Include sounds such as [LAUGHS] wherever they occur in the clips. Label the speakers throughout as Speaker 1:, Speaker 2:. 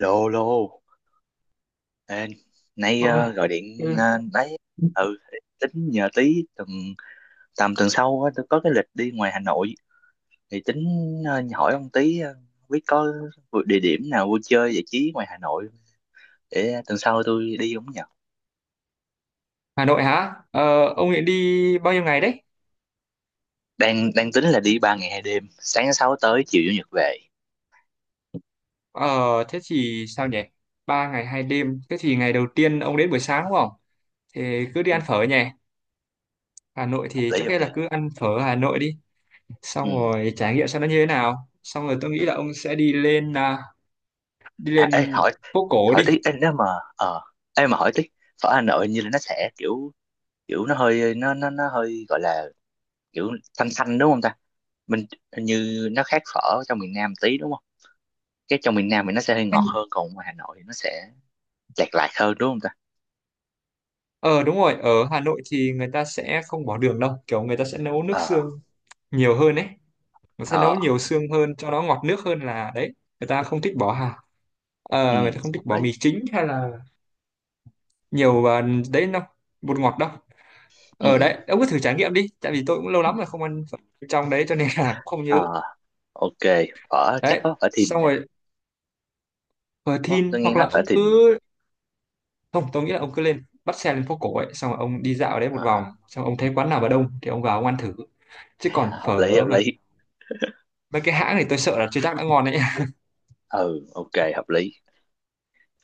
Speaker 1: Lô lô. Ê, nay
Speaker 2: Ôi,
Speaker 1: gọi điện
Speaker 2: ừ.
Speaker 1: đấy. Ừ, tính nhờ tí tầm tuần sau á, tôi có cái lịch đi ngoài Hà Nội. Thì tính hỏi ông tí, không biết có địa điểm nào vui chơi giải trí ngoài Hà Nội để tuần sau tôi đi không nhờ.
Speaker 2: Hà Nội hả? Ờ, ông định đi bao nhiêu ngày đấy?
Speaker 1: Đang đang tính là đi 3 ngày 2 đêm, sáng thứ sáu tới chiều chủ nhật về.
Speaker 2: Ờ, thế thì sao nhỉ? 3 ngày 2 đêm. Thế thì ngày đầu tiên ông đến buổi sáng đúng không? Thì cứ đi
Speaker 1: Ừ,
Speaker 2: ăn phở nhỉ? Hà Nội
Speaker 1: hợp
Speaker 2: thì
Speaker 1: lý,
Speaker 2: trước
Speaker 1: hợp
Speaker 2: hết là
Speaker 1: lý.
Speaker 2: cứ ăn phở Hà Nội đi. Xong
Speaker 1: Ừ.
Speaker 2: rồi trải nghiệm xem nó như thế nào. Xong rồi tôi nghĩ là ông sẽ đi lên đi
Speaker 1: À, ê,
Speaker 2: lên
Speaker 1: hỏi
Speaker 2: phố cổ
Speaker 1: hỏi
Speaker 2: đi.
Speaker 1: tí ê, nếu mà ờ ê mà hỏi tí, phở Hà Nội như là nó sẽ kiểu kiểu nó hơi gọi là kiểu xanh xanh đúng không ta. Mình hình như nó khác phở trong miền Nam tí đúng không? Cái trong miền Nam thì nó sẽ hơi ngọt
Speaker 2: Anh-
Speaker 1: hơn, còn ngoài Hà Nội thì nó sẽ chạt lạt hơn đúng không ta.
Speaker 2: Ờ đúng rồi, ở Hà Nội thì người ta sẽ không bỏ đường đâu. Kiểu người ta sẽ nấu nước
Speaker 1: Ờ.
Speaker 2: xương nhiều hơn ấy. Nó sẽ
Speaker 1: Ờ.
Speaker 2: nấu nhiều xương hơn cho nó ngọt nước hơn là đấy, người ta không thích bỏ hạt.
Speaker 1: Ừ,
Speaker 2: Ờ, người ta không thích
Speaker 1: hợp
Speaker 2: bỏ
Speaker 1: lý.
Speaker 2: mì chính hay là nhiều đấy đâu, bột ngọt đâu. Ở
Speaker 1: Ừ.
Speaker 2: đấy ông cứ thử trải nghiệm đi, tại vì tôi cũng lâu lắm rồi
Speaker 1: Ừ.
Speaker 2: không ăn phở trong đấy, cho nên là cũng không nhớ.
Speaker 1: Ờ. Ok. Phở chắc
Speaker 2: Đấy,
Speaker 1: có phở Thìn
Speaker 2: xong
Speaker 1: nha.
Speaker 2: rồi phở
Speaker 1: Đúng không?
Speaker 2: thin
Speaker 1: Tôi nghe
Speaker 2: hoặc
Speaker 1: nói
Speaker 2: là
Speaker 1: phở
Speaker 2: ông
Speaker 1: Thìn.
Speaker 2: cứ, không, tôi nghĩ là ông cứ lên bắt xe lên phố cổ ấy, xong rồi ông đi dạo ở đấy một
Speaker 1: ờ
Speaker 2: vòng, xong rồi ông thấy quán nào mà đông thì ông vào ông ăn thử. Chứ còn
Speaker 1: Hợp lý, hợp
Speaker 2: phở mà
Speaker 1: lý.
Speaker 2: mấy cái hãng thì tôi sợ là chưa chắc đã ngon đấy.
Speaker 1: Ừ, ok, hợp lý.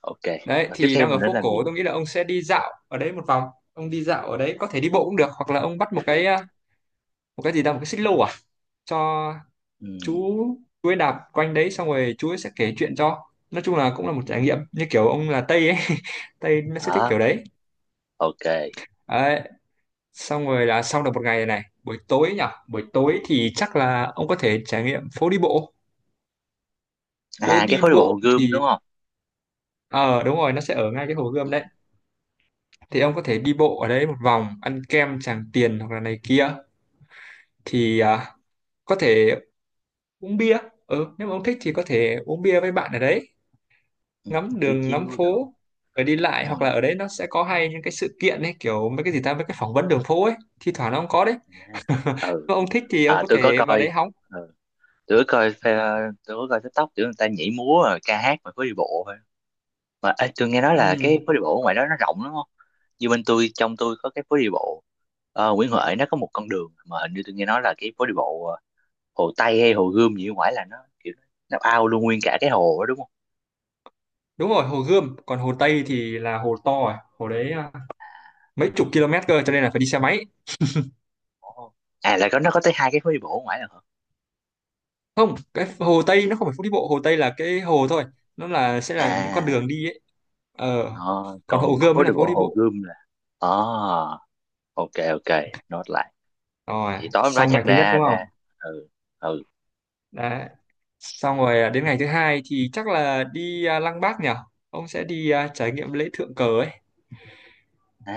Speaker 1: Ok.
Speaker 2: Đấy
Speaker 1: Rồi tiếp
Speaker 2: thì
Speaker 1: theo
Speaker 2: đang ở
Speaker 1: mình nên
Speaker 2: phố
Speaker 1: làm gì
Speaker 2: cổ,
Speaker 1: nhỉ?
Speaker 2: tôi nghĩ là ông sẽ đi dạo ở đấy một vòng, ông đi dạo ở đấy có thể đi bộ cũng được, hoặc là ông bắt một cái một cái gì đó, một cái xích lô cho chú
Speaker 1: Ừ.
Speaker 2: chú ấy đạp quanh đấy xong rồi chú ấy sẽ kể chuyện cho. Nói chung là cũng là một
Speaker 1: Ừ.
Speaker 2: trải nghiệm như kiểu ông là Tây ấy. [LAUGHS] Tây nó sẽ thích
Speaker 1: Đó.
Speaker 2: kiểu đấy.
Speaker 1: Ok.
Speaker 2: Đấy, xong rồi là xong được một ngày này, buổi tối nhỉ? Buổi tối thì chắc là ông có thể trải nghiệm phố đi bộ. Phố
Speaker 1: À, cái
Speaker 2: đi
Speaker 1: phố đi bộ Hồ
Speaker 2: bộ
Speaker 1: Gươm
Speaker 2: thì
Speaker 1: đúng không?
Speaker 2: ờ đúng rồi, nó sẽ ở ngay cái Hồ
Speaker 1: Ừ.
Speaker 2: Gươm đấy, thì ông có thể đi bộ ở đấy một vòng, ăn kem Tràng Tiền hoặc là này kia, thì có thể uống bia, ừ, nếu mà ông thích thì có thể uống bia với bạn ở đấy,
Speaker 1: Ừ.
Speaker 2: ngắm
Speaker 1: Chiếu
Speaker 2: đường ngắm
Speaker 1: chiếu rồi.
Speaker 2: phố rồi đi lại.
Speaker 1: Ừ.
Speaker 2: Hoặc là ở đấy nó sẽ có hay những cái sự kiện ấy, kiểu mấy cái gì ta, mấy cái phỏng vấn đường phố ấy, thi thoảng nó cũng có đấy.
Speaker 1: À.
Speaker 2: Nếu
Speaker 1: Ừ.
Speaker 2: mà ông thích thì ông
Speaker 1: À,
Speaker 2: có
Speaker 1: tôi có
Speaker 2: thể vào
Speaker 1: coi.
Speaker 2: đấy hóng.
Speaker 1: Ừ. tôi có coi TikTok kiểu người ta nhảy múa rồi ca hát mà phố đi bộ thôi. Mà ê, tôi nghe nói là
Speaker 2: Ừ.
Speaker 1: cái phố đi bộ ở ngoài đó nó rộng lắm không? Như bên tôi, trong tôi có cái phố đi bộ Nguyễn Huệ nó có một con đường mà hình như tôi nghe nói là cái phố đi bộ Hồ Tây hay Hồ Gươm gì ở ngoài là nó kiểu, nó ao luôn nguyên cả cái hồ đó đúng không?
Speaker 2: Đúng rồi, Hồ Gươm, còn Hồ Tây thì là hồ to rồi, hồ đấy mấy chục km cơ, cho nên là phải đi xe máy.
Speaker 1: Ồ. À là có, nó có tới hai cái phố đi bộ ở ngoài là hả?
Speaker 2: Không, cái Hồ Tây nó không phải phố đi bộ, Hồ Tây là cái hồ thôi, nó là sẽ là những con
Speaker 1: À.
Speaker 2: đường đi ấy. Ờ,
Speaker 1: ờ,
Speaker 2: còn Hồ
Speaker 1: Còn
Speaker 2: Gươm
Speaker 1: phố
Speaker 2: mới
Speaker 1: đi
Speaker 2: là phố
Speaker 1: bộ
Speaker 2: đi
Speaker 1: Hồ
Speaker 2: bộ.
Speaker 1: Gươm là. ờ ok, ok, nốt lại.
Speaker 2: Rồi,
Speaker 1: Thì tối hôm đó
Speaker 2: xong
Speaker 1: chắc
Speaker 2: ngày thứ nhất
Speaker 1: đa
Speaker 2: đúng
Speaker 1: ra.
Speaker 2: không?
Speaker 1: Ừ. Ừ.
Speaker 2: Đấy. Xong rồi đến ngày thứ hai thì chắc là đi Lăng Bác nhỉ? Ông sẽ đi trải nghiệm lễ thượng cờ ấy.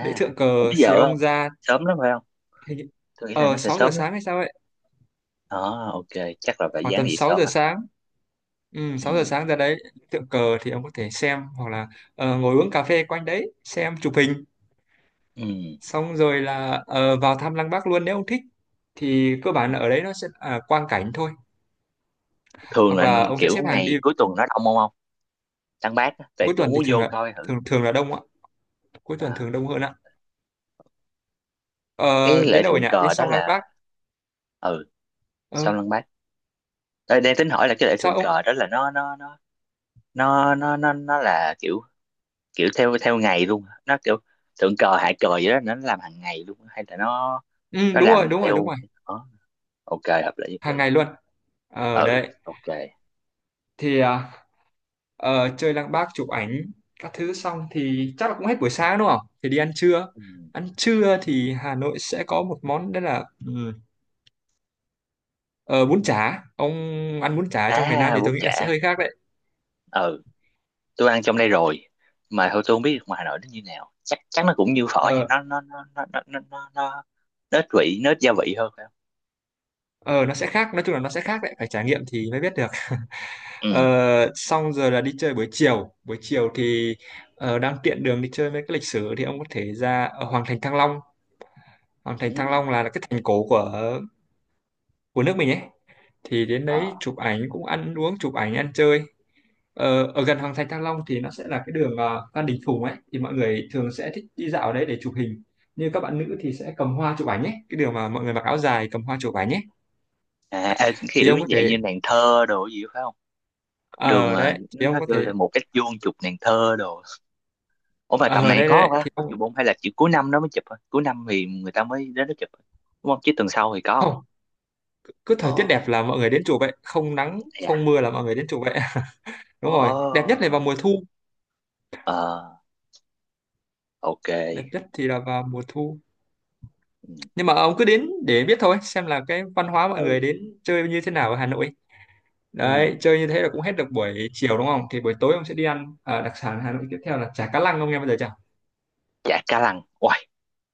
Speaker 2: Lễ thượng
Speaker 1: cũng
Speaker 2: cờ
Speaker 1: bây
Speaker 2: thì
Speaker 1: giờ
Speaker 2: ông
Speaker 1: không
Speaker 2: ra
Speaker 1: sớm lắm phải không?
Speaker 2: hình như-
Speaker 1: Tôi nghĩ là
Speaker 2: ờ
Speaker 1: nó sẽ
Speaker 2: 6 giờ
Speaker 1: sớm lắm.
Speaker 2: sáng hay sao ấy,
Speaker 1: Ờ ok, chắc là phải
Speaker 2: khoảng
Speaker 1: dán
Speaker 2: tầm
Speaker 1: gì
Speaker 2: 6
Speaker 1: sớm
Speaker 2: giờ
Speaker 1: à.
Speaker 2: sáng. Ừ, 6 giờ
Speaker 1: Ừ.
Speaker 2: sáng ra đấy, tượng cờ thì ông có thể xem, hoặc là ờ, ngồi uống cà phê quanh đấy, xem chụp hình,
Speaker 1: Ừ,
Speaker 2: xong rồi là ờ, vào thăm Lăng Bác luôn nếu ông thích. Thì cơ bản là ở đấy nó sẽ là quang cảnh thôi,
Speaker 1: thường
Speaker 2: hoặc
Speaker 1: là
Speaker 2: là ông sẽ
Speaker 1: kiểu
Speaker 2: xếp hàng
Speaker 1: ngày
Speaker 2: đi.
Speaker 1: cuối tuần nó đông không? Không, lăng bác á, tại
Speaker 2: Cuối tuần
Speaker 1: cũng
Speaker 2: thì
Speaker 1: muốn
Speaker 2: thường
Speaker 1: vô
Speaker 2: là
Speaker 1: coi thử.
Speaker 2: thường thường là đông ạ, cuối tuần
Speaker 1: Đó.
Speaker 2: thường đông hơn ạ. Ờ,
Speaker 1: Cái lễ
Speaker 2: đến đâu rồi
Speaker 1: thượng
Speaker 2: nhỉ? Đến
Speaker 1: cờ đó
Speaker 2: sau Lăng
Speaker 1: là.
Speaker 2: Bác.
Speaker 1: Ừ. Sao
Speaker 2: Ờ,
Speaker 1: lăng bác? Ờ, đang tính hỏi là cái lễ
Speaker 2: sao
Speaker 1: thượng
Speaker 2: ông?
Speaker 1: cờ đó là nó là kiểu kiểu theo theo ngày luôn hả? Nó kiểu thượng cờ hạ cờ gì đó nó làm hàng ngày luôn hả? Hay là nó
Speaker 2: Ừ,
Speaker 1: nó
Speaker 2: đúng rồi,
Speaker 1: làm
Speaker 2: đúng rồi, đúng
Speaker 1: theo.
Speaker 2: rồi.
Speaker 1: ờ. Ok, hợp lý, hợp
Speaker 2: Hàng
Speaker 1: lý.
Speaker 2: ngày luôn. Ở
Speaker 1: Ừ,
Speaker 2: đấy.
Speaker 1: ok.
Speaker 2: Thì chơi Lăng Bác chụp ảnh các thứ xong thì chắc là cũng hết buổi sáng đúng không? Thì đi ăn trưa.
Speaker 1: Ừ.
Speaker 2: Ăn trưa thì Hà Nội sẽ có một món đấy là ờ, bún chả. Ông ăn bún chả trong miền Nam
Speaker 1: À,
Speaker 2: thì
Speaker 1: bún
Speaker 2: tôi nghĩ là
Speaker 1: chả.
Speaker 2: sẽ hơi khác đấy.
Speaker 1: Ừ, tôi ăn trong đây rồi. Mà thôi tôi không biết được ngoài Hà Nội nó như nào, chắc chắn nó cũng như phở vậy.
Speaker 2: Ờ,
Speaker 1: Nó nó ít vị nó ít gia vị hơn phải không?
Speaker 2: ờ, nó sẽ khác. Nói chung là nó sẽ khác đấy. Phải trải nghiệm thì mới biết được. Ờ,
Speaker 1: Ừ.
Speaker 2: xong rồi là đi chơi buổi chiều, buổi chiều thì ờ, đang tiện đường đi chơi mấy cái lịch sử thì ông có thể ra ở Hoàng thành Thăng Long. Hoàng thành Thăng
Speaker 1: Ừ.
Speaker 2: Long là cái thành cổ của nước mình ấy, thì đến
Speaker 1: Ờ.
Speaker 2: đấy chụp ảnh cũng ăn uống chụp ảnh ăn chơi. Ờ, ở gần Hoàng thành Thăng Long thì nó sẽ là cái đường ờ, Phan Đình Phùng ấy, thì mọi người thường sẽ thích đi dạo ở đấy để chụp hình, như các bạn nữ thì sẽ cầm hoa chụp ảnh ấy, cái đường mà mọi người mặc áo dài cầm hoa chụp ảnh ấy
Speaker 1: À,
Speaker 2: thì
Speaker 1: kiểu
Speaker 2: ông có
Speaker 1: dạng
Speaker 2: thể,
Speaker 1: như nàng thơ đồ gì phải không? Cái đường
Speaker 2: ở
Speaker 1: mà
Speaker 2: đấy thì ông
Speaker 1: nó
Speaker 2: có
Speaker 1: kêu là
Speaker 2: thể,
Speaker 1: một cách vuông chụp nàng thơ đồ. Ủa mà tầm
Speaker 2: ở
Speaker 1: này
Speaker 2: đây
Speaker 1: có
Speaker 2: đấy
Speaker 1: không á,
Speaker 2: thì
Speaker 1: có
Speaker 2: ông,
Speaker 1: chụp không hay là chỉ cuối năm nó mới chụp thôi, cuối năm thì người ta mới đến nó chụp thôi. Đúng không? Chứ tuần sau thì có không?
Speaker 2: không, cứ thời tiết
Speaker 1: Ờ.
Speaker 2: đẹp là mọi người đến chùa vậy, không nắng
Speaker 1: Dạ.
Speaker 2: không mưa là mọi người đến chùa vậy. [LAUGHS]
Speaker 1: Ồ.
Speaker 2: Đúng rồi, đẹp nhất là vào mùa thu,
Speaker 1: Ờ, ok.
Speaker 2: đẹp nhất thì là vào mùa thu.
Speaker 1: Ừ.
Speaker 2: Nhưng mà ông cứ đến để biết thôi, xem là cái văn hóa mọi người
Speaker 1: Ừ.
Speaker 2: đến chơi như thế nào ở Hà Nội. Đấy,
Speaker 1: Ừ.
Speaker 2: chơi như thế là cũng hết được buổi chiều đúng không? Thì buổi tối ông sẽ đi ăn ờ, đặc sản Hà Nội tiếp theo là chả cá lăng, ông nghe bao giờ chưa?
Speaker 1: Chả cá lăng. Uầy,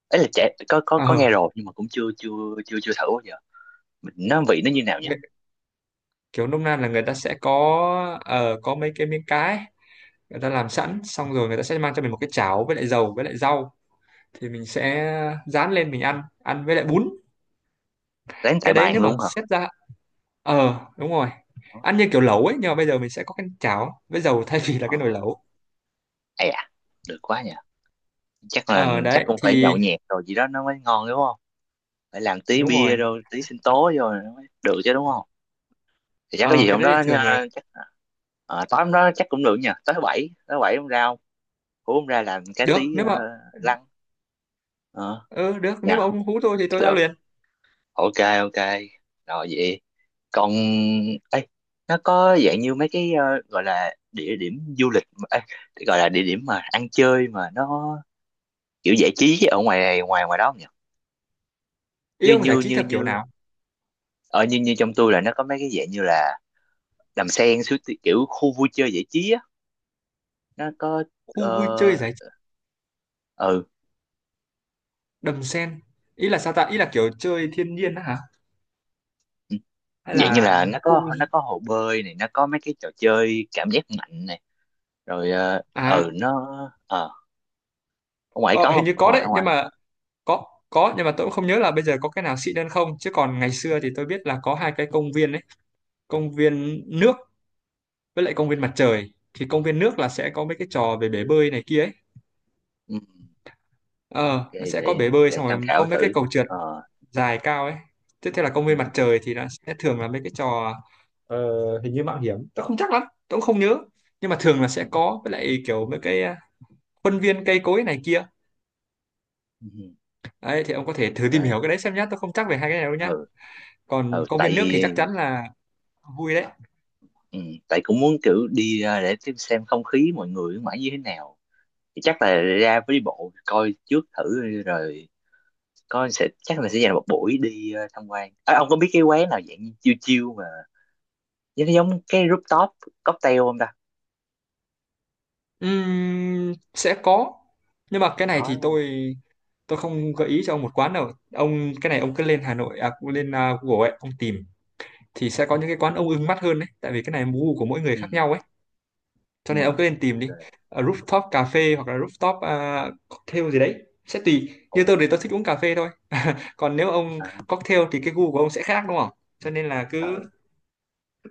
Speaker 1: ấy là chả, có có
Speaker 2: Ờ
Speaker 1: có nghe rồi nhưng mà cũng chưa chưa chưa chưa thử bao giờ. Mình nó vị nó như nào nhỉ?
Speaker 2: cái- kiểu nôm na là người ta sẽ có ờ, có mấy cái miếng cá ấy, người ta làm sẵn xong rồi người ta sẽ mang cho mình một cái chảo với lại dầu với lại rau, thì mình sẽ rán lên mình ăn, ăn với lại bún.
Speaker 1: Đánh tại
Speaker 2: Cái đấy
Speaker 1: bàn
Speaker 2: nếu mà
Speaker 1: luôn hả?
Speaker 2: xét ra ờ đúng rồi,
Speaker 1: Ờ.
Speaker 2: ăn như kiểu lẩu ấy, nhưng mà bây giờ mình sẽ có cái chảo với dầu [LAUGHS] thay vì là
Speaker 1: Ờ.
Speaker 2: cái nồi lẩu.
Speaker 1: Ê, à, được quá nhỉ. Chắc là
Speaker 2: Ờ
Speaker 1: chắc
Speaker 2: đấy
Speaker 1: cũng phải
Speaker 2: thì
Speaker 1: nhậu nhẹt rồi gì đó nó mới ngon đúng không? Phải làm tí
Speaker 2: đúng rồi.
Speaker 1: bia rồi tí sinh tố rồi nó mới được chứ đúng không? Thì chắc có
Speaker 2: Ờ
Speaker 1: gì
Speaker 2: cái
Speaker 1: hôm
Speaker 2: đấy thì
Speaker 1: đó
Speaker 2: thường là
Speaker 1: chắc tối hôm đó chắc cũng được nhỉ. Tới thứ bảy hôm ra không? Hôm ra làm cái
Speaker 2: được,
Speaker 1: tí
Speaker 2: nếu mà
Speaker 1: lăng. Ờ,
Speaker 2: ừ, được nếu
Speaker 1: nhờ.
Speaker 2: mà ông hú tôi thì tôi ra
Speaker 1: Được.
Speaker 2: liền.
Speaker 1: Ok, ok, rồi vậy. Còn ấy, nó có dạng như mấy cái gọi là địa điểm du lịch ấy, gọi là địa điểm mà ăn chơi mà nó kiểu giải trí chứ ở ngoài ngoài ngoài đó không nhỉ?
Speaker 2: Ý
Speaker 1: như
Speaker 2: ông giải
Speaker 1: như
Speaker 2: trí
Speaker 1: như
Speaker 2: theo kiểu
Speaker 1: như
Speaker 2: nào?
Speaker 1: ở như như trong tôi là nó có mấy cái dạng như là đầm sen, kiểu khu vui chơi giải trí á, nó có.
Speaker 2: Khu vui chơi
Speaker 1: ờ
Speaker 2: giải trí,
Speaker 1: ừ.
Speaker 2: đầm sen, ý là sao ta, ý là kiểu chơi thiên nhiên á hả,
Speaker 1: Ừ,
Speaker 2: hay
Speaker 1: dạng như
Speaker 2: là
Speaker 1: là nó
Speaker 2: khu
Speaker 1: có nó
Speaker 2: vui-
Speaker 1: có hồ bơi này, nó có mấy cái trò chơi cảm giác mạnh này, rồi. Ờ
Speaker 2: à,
Speaker 1: ừ. nó ờ Ở ngoài có
Speaker 2: ờ, hình
Speaker 1: không?
Speaker 2: như
Speaker 1: ở
Speaker 2: có
Speaker 1: ngoài
Speaker 2: đấy,
Speaker 1: ở
Speaker 2: nhưng
Speaker 1: ngoài
Speaker 2: mà có có nhưng mà tôi cũng không nhớ là bây giờ có cái nào xịn hơn không, chứ còn ngày xưa thì tôi biết là có 2 cái công viên đấy, công viên nước với lại công viên mặt trời. Thì công viên nước là sẽ có mấy cái trò về bể bơi này kia ấy,
Speaker 1: Ừ.
Speaker 2: ờ nó
Speaker 1: để
Speaker 2: sẽ có
Speaker 1: để
Speaker 2: bể bơi
Speaker 1: để
Speaker 2: xong
Speaker 1: tham
Speaker 2: rồi có
Speaker 1: khảo
Speaker 2: mấy cái
Speaker 1: thử.
Speaker 2: cầu trượt
Speaker 1: Ờ.
Speaker 2: dài cao ấy. Tiếp theo là công viên
Speaker 1: Ừ.
Speaker 2: mặt trời thì nó sẽ thường là mấy cái trò ờ, hình như mạo hiểm, tôi không chắc lắm, tôi cũng không nhớ, nhưng mà thường là sẽ
Speaker 1: Ừ.
Speaker 2: có với lại kiểu mấy cái khuôn viên cây cối này kia.
Speaker 1: Ừ.
Speaker 2: Đấy thì ông có thể thử tìm hiểu cái
Speaker 1: Ok.
Speaker 2: đấy xem nhá, tôi không chắc về 2 cái này đâu nhá.
Speaker 1: Ừ.
Speaker 2: Còn
Speaker 1: Ừ,
Speaker 2: công
Speaker 1: tại
Speaker 2: viên nước thì chắc
Speaker 1: vì.
Speaker 2: chắn là vui đấy.
Speaker 1: Ừ, tại cũng muốn kiểu đi ra để xem không khí mọi người ở ngoài như thế nào. Thì chắc là ra với đi bộ coi trước thử rồi, coi sẽ chắc là sẽ dành một buổi đi tham quan. À, ông có biết cái quán nào dạng như chiêu chiêu mà giống giống cái rooftop cocktail không ta?
Speaker 2: Sẽ có nhưng mà cái này
Speaker 1: Có
Speaker 2: thì
Speaker 1: đúng không?
Speaker 2: tôi không
Speaker 1: Ờ.
Speaker 2: gợi ý cho ông một quán đâu ông, cái này ông cứ lên Hà Nội lên Google ấy ông tìm, thì sẽ có những cái quán ông ưng mắt hơn đấy, tại vì cái này gu của mỗi người
Speaker 1: Ừ.
Speaker 2: khác nhau ấy, cho
Speaker 1: Ừ.
Speaker 2: nên ông cứ lên tìm
Speaker 1: Ok.
Speaker 2: đi. Ờ, rooftop cà phê hoặc là rooftop cocktail gì đấy sẽ tùy,
Speaker 1: Ồ.
Speaker 2: như tôi thì tôi thích uống cà phê thôi, còn nếu ông
Speaker 1: À,
Speaker 2: cocktail thì cái gu của ông sẽ khác đúng không, cho nên là cứ
Speaker 1: ờ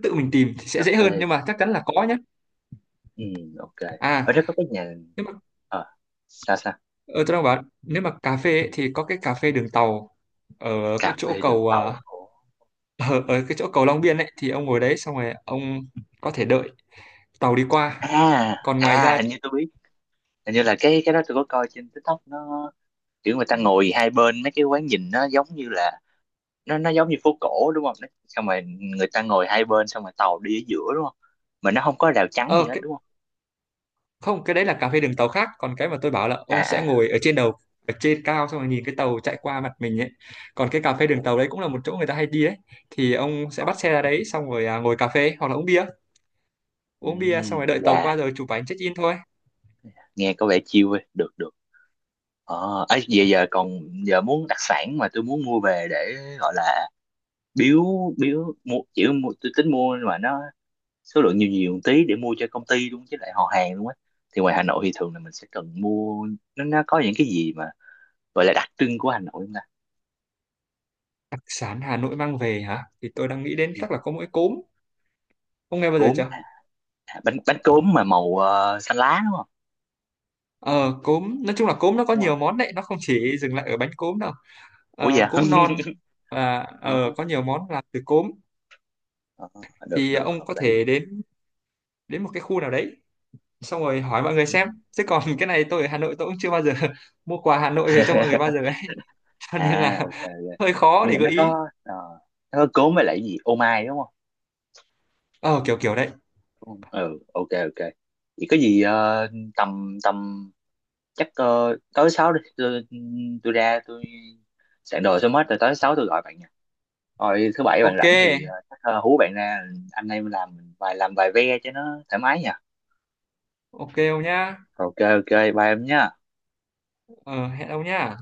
Speaker 2: tự mình tìm thì sẽ
Speaker 1: cà
Speaker 2: dễ hơn,
Speaker 1: phê.
Speaker 2: nhưng mà chắc chắn là có nhé.
Speaker 1: Ừ, ok. Ở
Speaker 2: À
Speaker 1: đó có cái nhà.
Speaker 2: nếu mà
Speaker 1: ờ Sao sao?
Speaker 2: ờ, tôi đang bảo nếu mà cà phê ấy, thì có cái cà phê đường tàu ở cái
Speaker 1: Cà
Speaker 2: chỗ
Speaker 1: phê đường
Speaker 2: cầu
Speaker 1: tàu. Ồ.
Speaker 2: ở, ở cái chỗ cầu Long Biên ấy, thì ông ngồi đấy xong rồi ông có thể đợi tàu đi qua.
Speaker 1: À,
Speaker 2: Còn ngoài
Speaker 1: à,
Speaker 2: ra
Speaker 1: hình như tôi biết. Hình như là cái đó tôi có coi trên TikTok, nó kiểu người ta ngồi hai bên mấy cái quán nhìn nó giống như là nó giống như phố cổ đúng không? Xong rồi người ta ngồi hai bên, xong rồi tàu đi ở giữa đúng không? Mà nó không có rào chắn gì
Speaker 2: ờ
Speaker 1: hết
Speaker 2: cái,
Speaker 1: đúng không?
Speaker 2: không, cái đấy là cà phê đường tàu khác, còn cái mà tôi bảo là
Speaker 1: À,
Speaker 2: ông sẽ
Speaker 1: à.
Speaker 2: ngồi ở trên đầu, ở trên cao xong rồi nhìn cái tàu chạy qua mặt mình ấy. Còn cái cà phê
Speaker 1: Ồ.
Speaker 2: đường tàu đấy cũng là một chỗ người ta hay đi ấy, thì ông sẽ
Speaker 1: Ờ.
Speaker 2: bắt xe ra đấy xong rồi ngồi cà phê hoặc là uống bia,
Speaker 1: Ừ,
Speaker 2: uống bia xong rồi đợi tàu
Speaker 1: dạ,
Speaker 2: qua rồi chụp ảnh check in thôi.
Speaker 1: nghe có vẻ chill ấy. Được, được. Ờ, ấy, giờ giờ còn giờ muốn đặc sản mà tôi muốn mua về để gọi là biếu biếu mua chỉ mua tôi tính mua mà nó số lượng nhiều nhiều một tí để mua cho công ty luôn chứ lại họ hàng luôn á. Thì ngoài Hà Nội thì thường là mình sẽ cần mua, nó có những cái gì mà gọi là đặc trưng của Hà Nội không ta?
Speaker 2: Đặc sản Hà Nội mang về hả, thì tôi đang nghĩ đến
Speaker 1: Ừ,
Speaker 2: chắc là có mỗi cốm, ông nghe bao giờ
Speaker 1: cốm
Speaker 2: chưa?
Speaker 1: à, à, bánh bánh cốm mà màu xanh lá đúng không?
Speaker 2: Ờ, cốm nói chung là cốm nó có
Speaker 1: Đúng rồi.
Speaker 2: nhiều món đấy, nó không chỉ dừng lại ở bánh cốm đâu.
Speaker 1: Ủa,
Speaker 2: Ờ,
Speaker 1: dạ.
Speaker 2: cốm non
Speaker 1: [LAUGHS]
Speaker 2: và ờ,
Speaker 1: Đó,
Speaker 2: có nhiều món làm từ cốm,
Speaker 1: đó, được,
Speaker 2: thì
Speaker 1: được,
Speaker 2: ông
Speaker 1: hợp
Speaker 2: có
Speaker 1: lý.
Speaker 2: thể đến đến một cái khu nào đấy xong rồi hỏi mọi người xem,
Speaker 1: Ừ.
Speaker 2: chứ còn [LAUGHS] cái này tôi ở Hà Nội tôi cũng chưa bao giờ [LAUGHS] mua quà Hà Nội về cho mọi người bao
Speaker 1: [LAUGHS]
Speaker 2: giờ ấy, [LAUGHS] cho nên
Speaker 1: À,
Speaker 2: là
Speaker 1: ok,
Speaker 2: [LAUGHS]
Speaker 1: ok.
Speaker 2: hơi khó
Speaker 1: Nhưng
Speaker 2: để
Speaker 1: mà
Speaker 2: gợi ý.
Speaker 1: nó có cốm với lại cái gì ô mai đúng
Speaker 2: Ờ kiểu kiểu đấy.
Speaker 1: không? Ừ, ok, ok. Vậy có gì tầm tầm chắc tối sáu đi, tôi ra tôi soạn đồ xong hết rồi tối sáu tôi gọi bạn nha. Rồi thứ bảy bạn
Speaker 2: Ok,
Speaker 1: rảnh thì chắc hú bạn ra anh em làm vài ve cho nó thoải mái nha.
Speaker 2: ok ông nhá.
Speaker 1: Ok, ok, bye em nhé.
Speaker 2: Ờ, hẹn ông nhá.